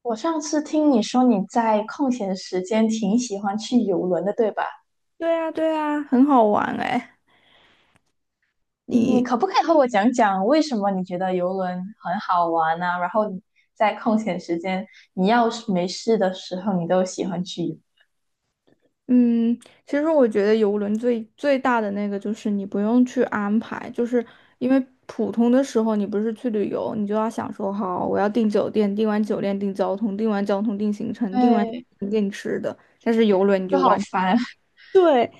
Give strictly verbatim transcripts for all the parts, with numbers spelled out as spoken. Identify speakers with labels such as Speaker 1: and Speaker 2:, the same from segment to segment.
Speaker 1: 我上次听你说你在空闲时间挺喜欢去游轮的，对吧？
Speaker 2: 对啊，对啊，很好玩哎。
Speaker 1: 嗯，你
Speaker 2: 你，
Speaker 1: 可不可以和我讲讲为什么你觉得游轮很好玩呢、然后你在空闲时间，你要是没事的时候，你都喜欢去游？
Speaker 2: 嗯，其实我觉得游轮最最大的那个就是你不用去安排，就是因为普通的时候你不是去旅游，你就要想说好，我要订酒店，订完酒店订交通，订完交通订行程，订完行
Speaker 1: 对，
Speaker 2: 程订吃的。但是游轮你
Speaker 1: 就
Speaker 2: 就
Speaker 1: 好
Speaker 2: 完。
Speaker 1: 烦。
Speaker 2: 对，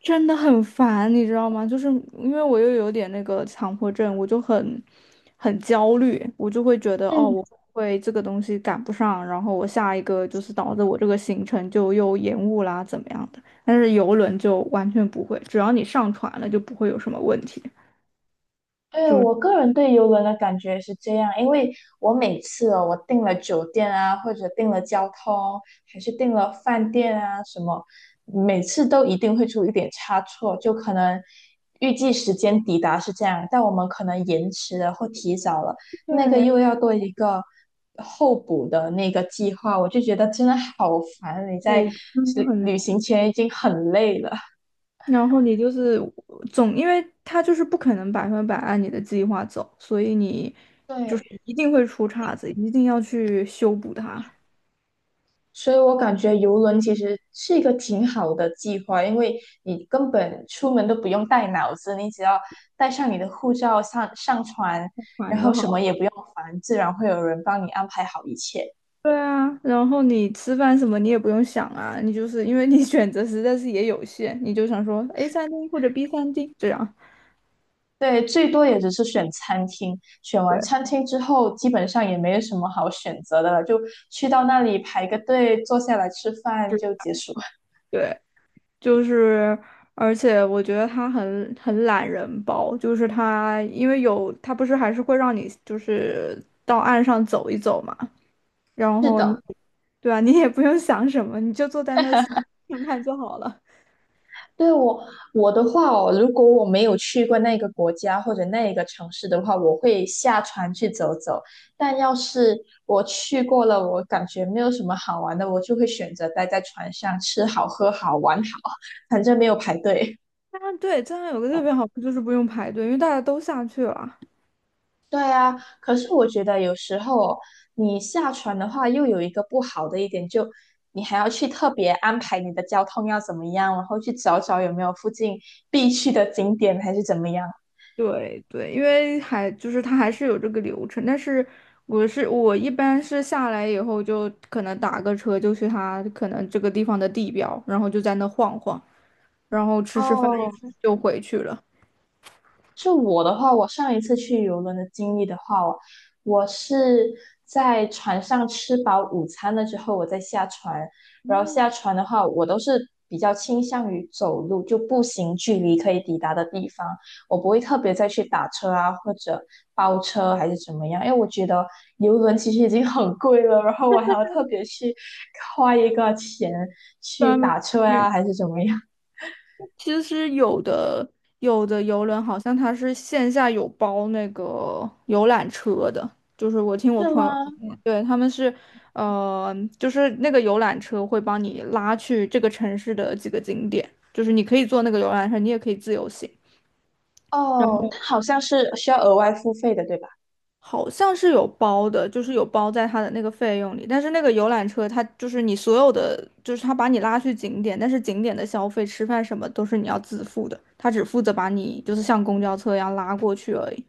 Speaker 2: 真的很烦，你知道吗？就是因为我又有点那个强迫症，我就很很焦虑，我就会觉得哦，
Speaker 1: 嗯。
Speaker 2: 我会这个东西赶不上，然后我下一个就是导致我这个行程就又延误啦，怎么样的？但是游轮就完全不会，只要你上船了就不会有什么问题。
Speaker 1: 对，我个人对游轮的感觉是这样，因为我每次哦，我订了酒店啊，或者订了交通，还是订了饭店啊什么，每次都一定会出一点差错，就可能预计时间抵达是这样，但我们可能延迟了或提早了，那个
Speaker 2: 对，
Speaker 1: 又要多一个候补的那个计划，我就觉得真的好烦，你在
Speaker 2: 对，真的
Speaker 1: 旅
Speaker 2: 很。
Speaker 1: 旅行前已经很累了，
Speaker 2: 然后你就是总，因为他就是不可能百分百按你的计划走，所以你就
Speaker 1: 对。
Speaker 2: 是一定会出岔子，一定要去修补它，
Speaker 1: 所以我感觉游轮其实是一个挺好的计划，因为你根本出门都不用带脑子，你只要带上你的护照上上船，然
Speaker 2: 管就
Speaker 1: 后
Speaker 2: 好
Speaker 1: 什
Speaker 2: 了。
Speaker 1: 么也不用烦，自然会有人帮你安排好一切。
Speaker 2: 对啊，然后你吃饭什么你也不用想啊，你就是因为你 选择实在是也有限，你就想说 A 三 D 或者 B 三 D 这样。
Speaker 1: 对，最多也只是选餐厅，选完
Speaker 2: 对，
Speaker 1: 餐厅之后，基本上也没有什么好选择的了，就去到那里排个队，坐下来吃饭
Speaker 2: 就
Speaker 1: 就结束。
Speaker 2: 对，就是，而且我觉得他很很懒人包，就是他因为有他不是还是会让你就是到岸上走一走嘛。然
Speaker 1: 是
Speaker 2: 后你，
Speaker 1: 的。
Speaker 2: 对啊，你也不用想什么，你就坐在那看看就好了。
Speaker 1: 对我我的话哦，如果我没有去过那个国家或者那个城市的话，我会下船去走走。但要是我去过了，我感觉没有什么好玩的，我就会选择待在船上吃好喝好玩好，反正没有排队。
Speaker 2: 啊，对，这样有个特别好处就是不用排队，因为大家都下去了。
Speaker 1: 对啊，可是我觉得有时候哦你下船的话，又有一个不好的一点，就你还要去特别安排你的交通要怎么样，然后去找找有没有附近必去的景点还是怎么样。
Speaker 2: 对对，因为还就是它还是有这个流程，但是我是我一般是下来以后就可能打个车就去它可能这个地方的地标，然后就在那晃晃，然后吃吃饭
Speaker 1: 哦，
Speaker 2: 就回去了。
Speaker 1: 就我的话，我上一次去游轮的经历的话，我我是在船上吃饱午餐了之后，我再下船。然后下船的话，我都是比较倾向于走路，就步行距离可以抵达的地方，我不会特别再去打车啊，或者包车还是怎么样，因为我觉得游轮其实已经很贵了，然后我还要特别去花一个钱去
Speaker 2: 专门。
Speaker 1: 打车呀、
Speaker 2: 去。
Speaker 1: 还是怎么样，
Speaker 2: 其实有的有的游轮好像它是线下有包那个游览车的，就是我听我
Speaker 1: 是吗？
Speaker 2: 朋友，对，他们是，呃，就是那个游览车会帮你拉去这个城市的几个景点，就是你可以坐那个游览车，你也可以自由行。
Speaker 1: 哦，它好像是需要额外付费的，对吧？
Speaker 2: 好像是有包的，就是有包在它的那个费用里。但是那个游览车，它就是你所有的，就是它把你拉去景点，但是景点的消费、吃饭什么都是你要自付的，它只负责把你就是像公交车一样拉过去而已。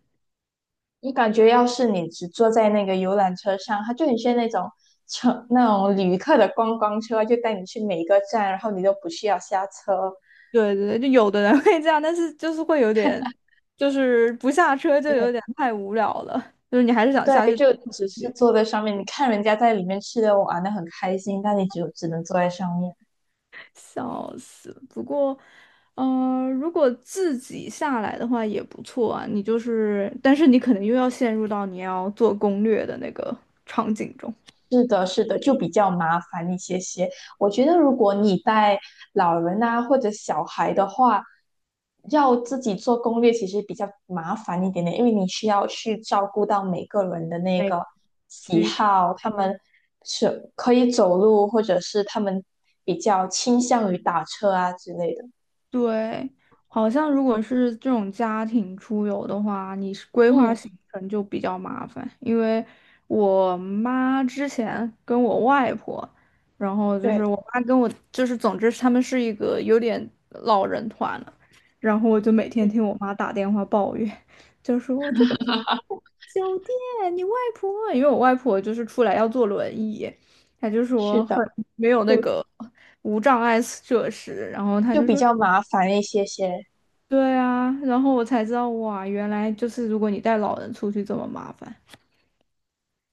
Speaker 1: 你感觉要是你只坐在那个游览车上，它就很像那种乘那种旅客的观光车，就带你去每一个站，然后你都不需要下车，
Speaker 2: 对对对，就有的人会这样，但是就是会有点，就是不下车就
Speaker 1: 因为
Speaker 2: 有点太无聊了，就是你还是想下
Speaker 1: 对，
Speaker 2: 去。
Speaker 1: 就只是坐在上面，你看人家在里面吃的玩的很开心，但你只有只能坐在上面。
Speaker 2: 笑死！不过，呃，如果自己下来的话也不错啊。你就是，但是你可能又要陷入到你要做攻略的那个场景中。
Speaker 1: 是的，是的，就比较麻烦一些些。我觉得如果你带老人啊或者小孩的话，要自己做攻略其实比较麻烦一点点，因为你需要去照顾到每个人的那
Speaker 2: 每个
Speaker 1: 个喜
Speaker 2: 区。
Speaker 1: 好，他们是可以走路，或者是他们比较倾向于打车啊之类的。
Speaker 2: 对，好像如果是这种家庭出游的话，你是规划
Speaker 1: 嗯，
Speaker 2: 行程就比较麻烦，因为我妈之前跟我外婆，然后就
Speaker 1: 对，
Speaker 2: 是我妈跟我，就是总之他们是一个有点老人团了，然后我就每天
Speaker 1: 嗯
Speaker 2: 听我妈打电话抱怨，就说我这个酒店，你外婆，因为我外婆就是出来要坐轮椅，她就
Speaker 1: 是
Speaker 2: 说
Speaker 1: 的，
Speaker 2: 很没有
Speaker 1: 就
Speaker 2: 那个无障碍设施，然后她
Speaker 1: 就
Speaker 2: 就
Speaker 1: 比
Speaker 2: 说。
Speaker 1: 较麻烦一些些。
Speaker 2: 对啊，然后我才知道哇，原来就是如果你带老人出去这么麻烦，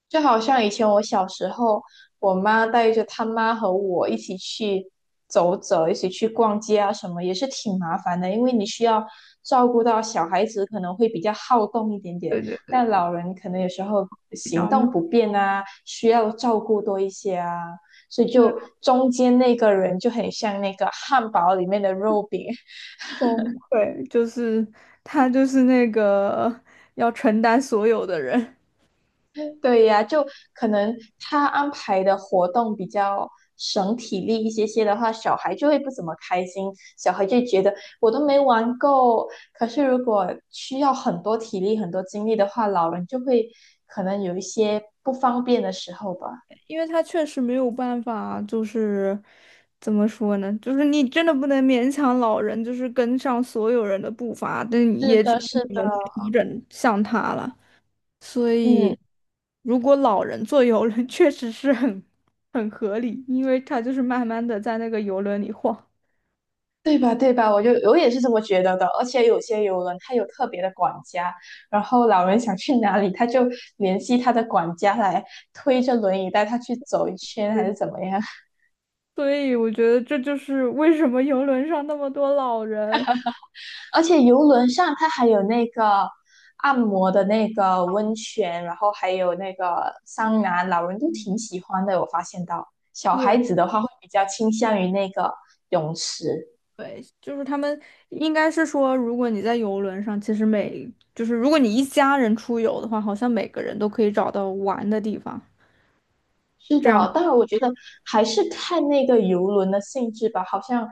Speaker 1: 就好像以前我小时候，我妈带着她妈和我一起去走走，一起去逛街啊什么，也是挺麻烦的，因为你需要照顾到小孩子可能会比较好动一点点，
Speaker 2: 对对，
Speaker 1: 但老人可能有时候
Speaker 2: 比
Speaker 1: 行
Speaker 2: 较
Speaker 1: 动
Speaker 2: 慢，
Speaker 1: 不便啊，需要照顾多一些啊，所以
Speaker 2: 对，
Speaker 1: 就中间那个人就很像那个汉堡里面的肉饼，
Speaker 2: 崩溃，就是他就是那个要承担所有的人，
Speaker 1: 对呀，就可能他安排的活动比较省体力一些些的话，小孩就会不怎么开心，小孩就觉得我都没玩够。可是如果需要很多体力、很多精力的话，老人就会可能有一些不方便的时候吧。
Speaker 2: 因为他确实没有办法，就是怎么说呢，就是你真的不能勉强老人，就是跟上所有人的步伐，但
Speaker 1: 是
Speaker 2: 也只
Speaker 1: 的，
Speaker 2: 能
Speaker 1: 是
Speaker 2: 你
Speaker 1: 的，
Speaker 2: 们调整向他了。所
Speaker 1: 嗯。
Speaker 2: 以，如果老人坐游轮 确实是很很合理，因为他就是慢慢的在那个游轮里晃
Speaker 1: 对吧？对吧？我就我也是这么觉得的。而且有些游轮它有特别的管家，然后老人想去哪里，他就联系他的管家来推着轮椅带他去走一 圈，还是
Speaker 2: 对
Speaker 1: 怎么样？
Speaker 2: 所以我觉得这就是为什么游轮上那么多老人。
Speaker 1: 而且游轮上它还有那个按摩的那个温泉，然后还有那个桑拿，老人都
Speaker 2: 嗯
Speaker 1: 挺喜欢的。我发现到小孩
Speaker 2: 对
Speaker 1: 子的话会比较倾向于那个泳池。
Speaker 2: 对，就是他们应该是说，如果你在游轮上，其实每就是如果你一家人出游的话，好像每个人都可以找到玩的地方，
Speaker 1: 是
Speaker 2: 这
Speaker 1: 的，
Speaker 2: 样
Speaker 1: 但是我觉得还是看那个游轮的性质吧。好像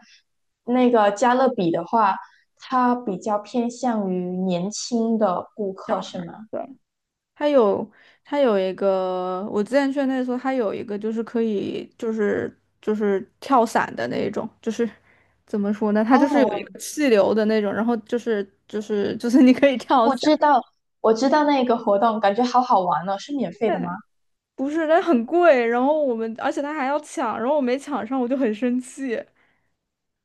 Speaker 1: 那个加勒比的话，它比较偏向于年轻的顾
Speaker 2: 小
Speaker 1: 客，
Speaker 2: 孩
Speaker 1: 是
Speaker 2: 儿。
Speaker 1: 吗？
Speaker 2: 对它有它有一个，我之前去那的时候，它有一个就是可以就是就是跳伞的那种，就是怎么说呢？它就是有一
Speaker 1: 哦，
Speaker 2: 个气流的那种，然后就是就是就是你可以跳
Speaker 1: 我
Speaker 2: 伞。
Speaker 1: 知道，我知道那个活动，感觉好好玩哦，是免费的吗？
Speaker 2: 对，不是，那很贵，然后我们而且它还要抢，然后我没抢上，我就很生气。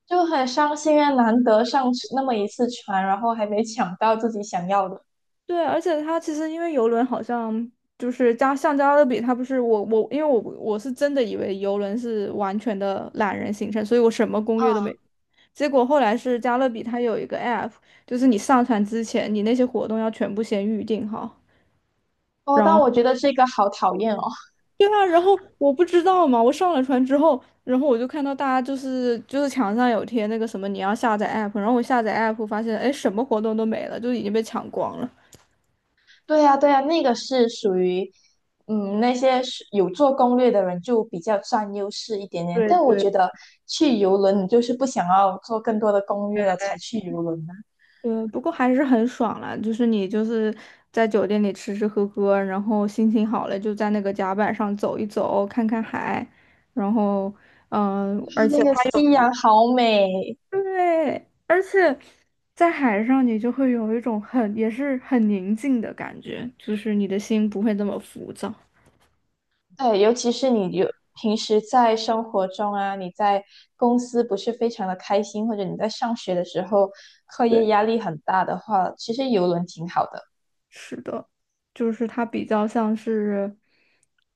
Speaker 1: 就很伤心啊，难得上那么一次船，然后还没抢到自己想要的。
Speaker 2: 对，而且它其实因为游轮好像就是加橡胶的比，它不是我我因为我我是真的以为游轮是完全的懒人行程，所以我什么攻
Speaker 1: 啊，
Speaker 2: 略都没。结果后来是加勒比，它有一个 app,就是你上传之前，你那些活动要全部先预定好。
Speaker 1: 哦，
Speaker 2: 然
Speaker 1: 但
Speaker 2: 后，
Speaker 1: 我觉得这个好讨厌哦。
Speaker 2: 对啊，然后我不知道嘛，我上了船之后，然后我就看到大家就是就是墙上有贴那个什么你要下载 app,然后我下载 app 发现，哎，什么活动都没了，就已经被抢光了。
Speaker 1: 对呀，对呀，那个是属于，嗯，那些是有做攻略的人就比较占优势一点点。
Speaker 2: 对
Speaker 1: 但我
Speaker 2: 对，
Speaker 1: 觉得去游轮，你就是不想要做更多的攻略了才去游轮啊。
Speaker 2: 嗯，不过还是很爽啦，就是你就是在酒店里吃吃喝喝，然后心情好了就在那个甲板上走一走，看看海，然后嗯、
Speaker 1: 然
Speaker 2: 呃
Speaker 1: 后
Speaker 2: 而
Speaker 1: 那
Speaker 2: 且。
Speaker 1: 个夕阳好美，
Speaker 2: 对，而且在海上，你就会有一种很也是很宁静的感觉，就是你的心不会那么浮躁。
Speaker 1: 对，尤其是你有平时在生活中啊，你在公司不是非常的开心，或者你在上学的时候课业
Speaker 2: 对，
Speaker 1: 压力很大的话，其实游轮挺好的，
Speaker 2: 是的，就是它比较像是，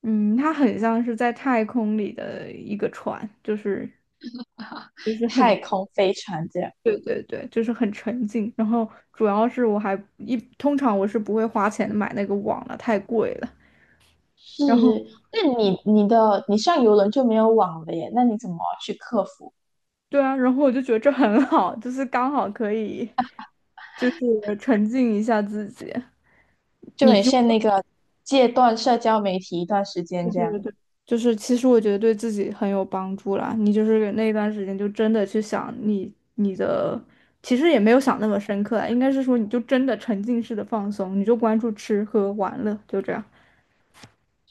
Speaker 2: 嗯，它很像是在太空里的一个船，就是就是
Speaker 1: 太
Speaker 2: 很，
Speaker 1: 空飞船这样。
Speaker 2: 对对对，就是很沉静。然后主要是我还一通常我是不会花钱买那个网了，太贵了。
Speaker 1: 是，
Speaker 2: 然后
Speaker 1: 那你你的你上游轮就没有网了耶？那你怎么去克服？
Speaker 2: 对啊，然后我就觉得这很好，就是刚好可以。就是沉浸一下自己。
Speaker 1: 就
Speaker 2: 你
Speaker 1: 很
Speaker 2: 就
Speaker 1: 像那个戒断社交媒体一段时间
Speaker 2: 对
Speaker 1: 这
Speaker 2: 对对
Speaker 1: 样。
Speaker 2: 对，就是其实我觉得对自己很有帮助啦。你就是那段时间就真的去想你你的，其实也没有想那么深刻啊，应该是说你就真的沉浸式的放松，你就关注吃喝玩乐，就这样。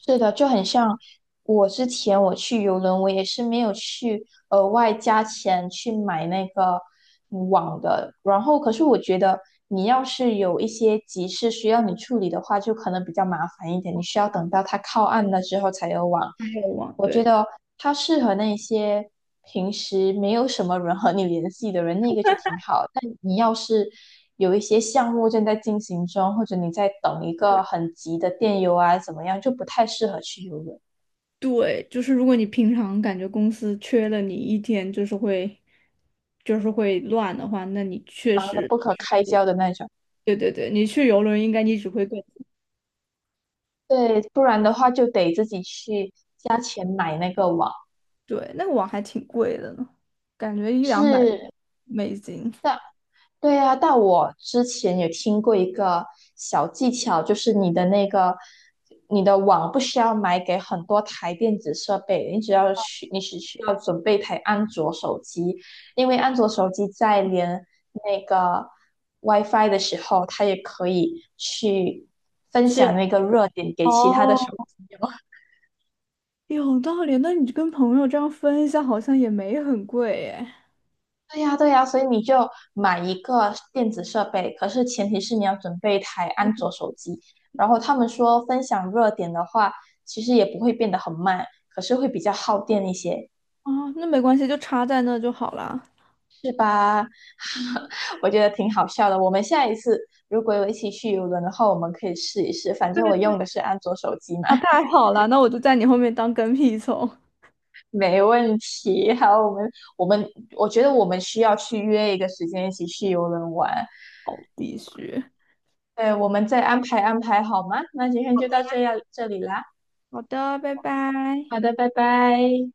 Speaker 1: 是的，就很像我之前我去游轮，我也是没有去额外加钱去买那个网的。然后，可是我觉得你要是有一些急事需要你处理的话，就可能比较麻烦一点，你需要等到它靠岸了之后才有网。
Speaker 2: 还有网，
Speaker 1: 我
Speaker 2: 对
Speaker 1: 觉
Speaker 2: 对
Speaker 1: 得它适合那些平时没有什么人和你联系的人，那个就挺好。但你要是有一些项目正在进行中，或者你在等一个很急的电邮啊，怎么样，就不太适合去游泳，
Speaker 2: 对，就是如果你平常感觉公司缺了你一天，就是会就是会乱的话，那你确
Speaker 1: 忙得
Speaker 2: 实，
Speaker 1: 不可开交的那种。
Speaker 2: 对对对，你去游轮应该你只会更。
Speaker 1: 对，不然的话就得自己去加钱买那个网。
Speaker 2: 对，那个网还挺贵的呢，感觉一
Speaker 1: 是，
Speaker 2: 两百美金。
Speaker 1: 但对啊，但我之前也听过一个小技巧，就是你的那个你的网不需要买给很多台电子设备，你只要需你只需要准备一台安卓手机，因为安卓手机在连那个 WiFi 的时候，它也可以去分
Speaker 2: 是
Speaker 1: 享那个热点给其他的手
Speaker 2: 哦，
Speaker 1: 机用。
Speaker 2: 有道理，那你就跟朋友这样分一下，好像也没很贵耶。
Speaker 1: 对呀，对呀，所以你就买一个电子设备，可是前提是你要准备一台安卓手机。然后他们说分享热点的话，其实也不会变得很慢，可是会比较耗电一些。
Speaker 2: 啊，那没关系，就插在那就好了。
Speaker 1: 我觉得挺好笑的。我们下一次如果有一起去游轮的话，我们可以试一试。反正
Speaker 2: 对，
Speaker 1: 我用的是安卓手机嘛，
Speaker 2: 那太 好了，那我就在你后面当跟屁虫。
Speaker 1: 没问题。好，我们我们我觉得我们需要去约一个时间一起去游轮玩。
Speaker 2: 好必须。
Speaker 1: 对，我们再安排安排好吗？那今天就到这样这里啦。
Speaker 2: 好的，拜拜。
Speaker 1: 好的，拜拜。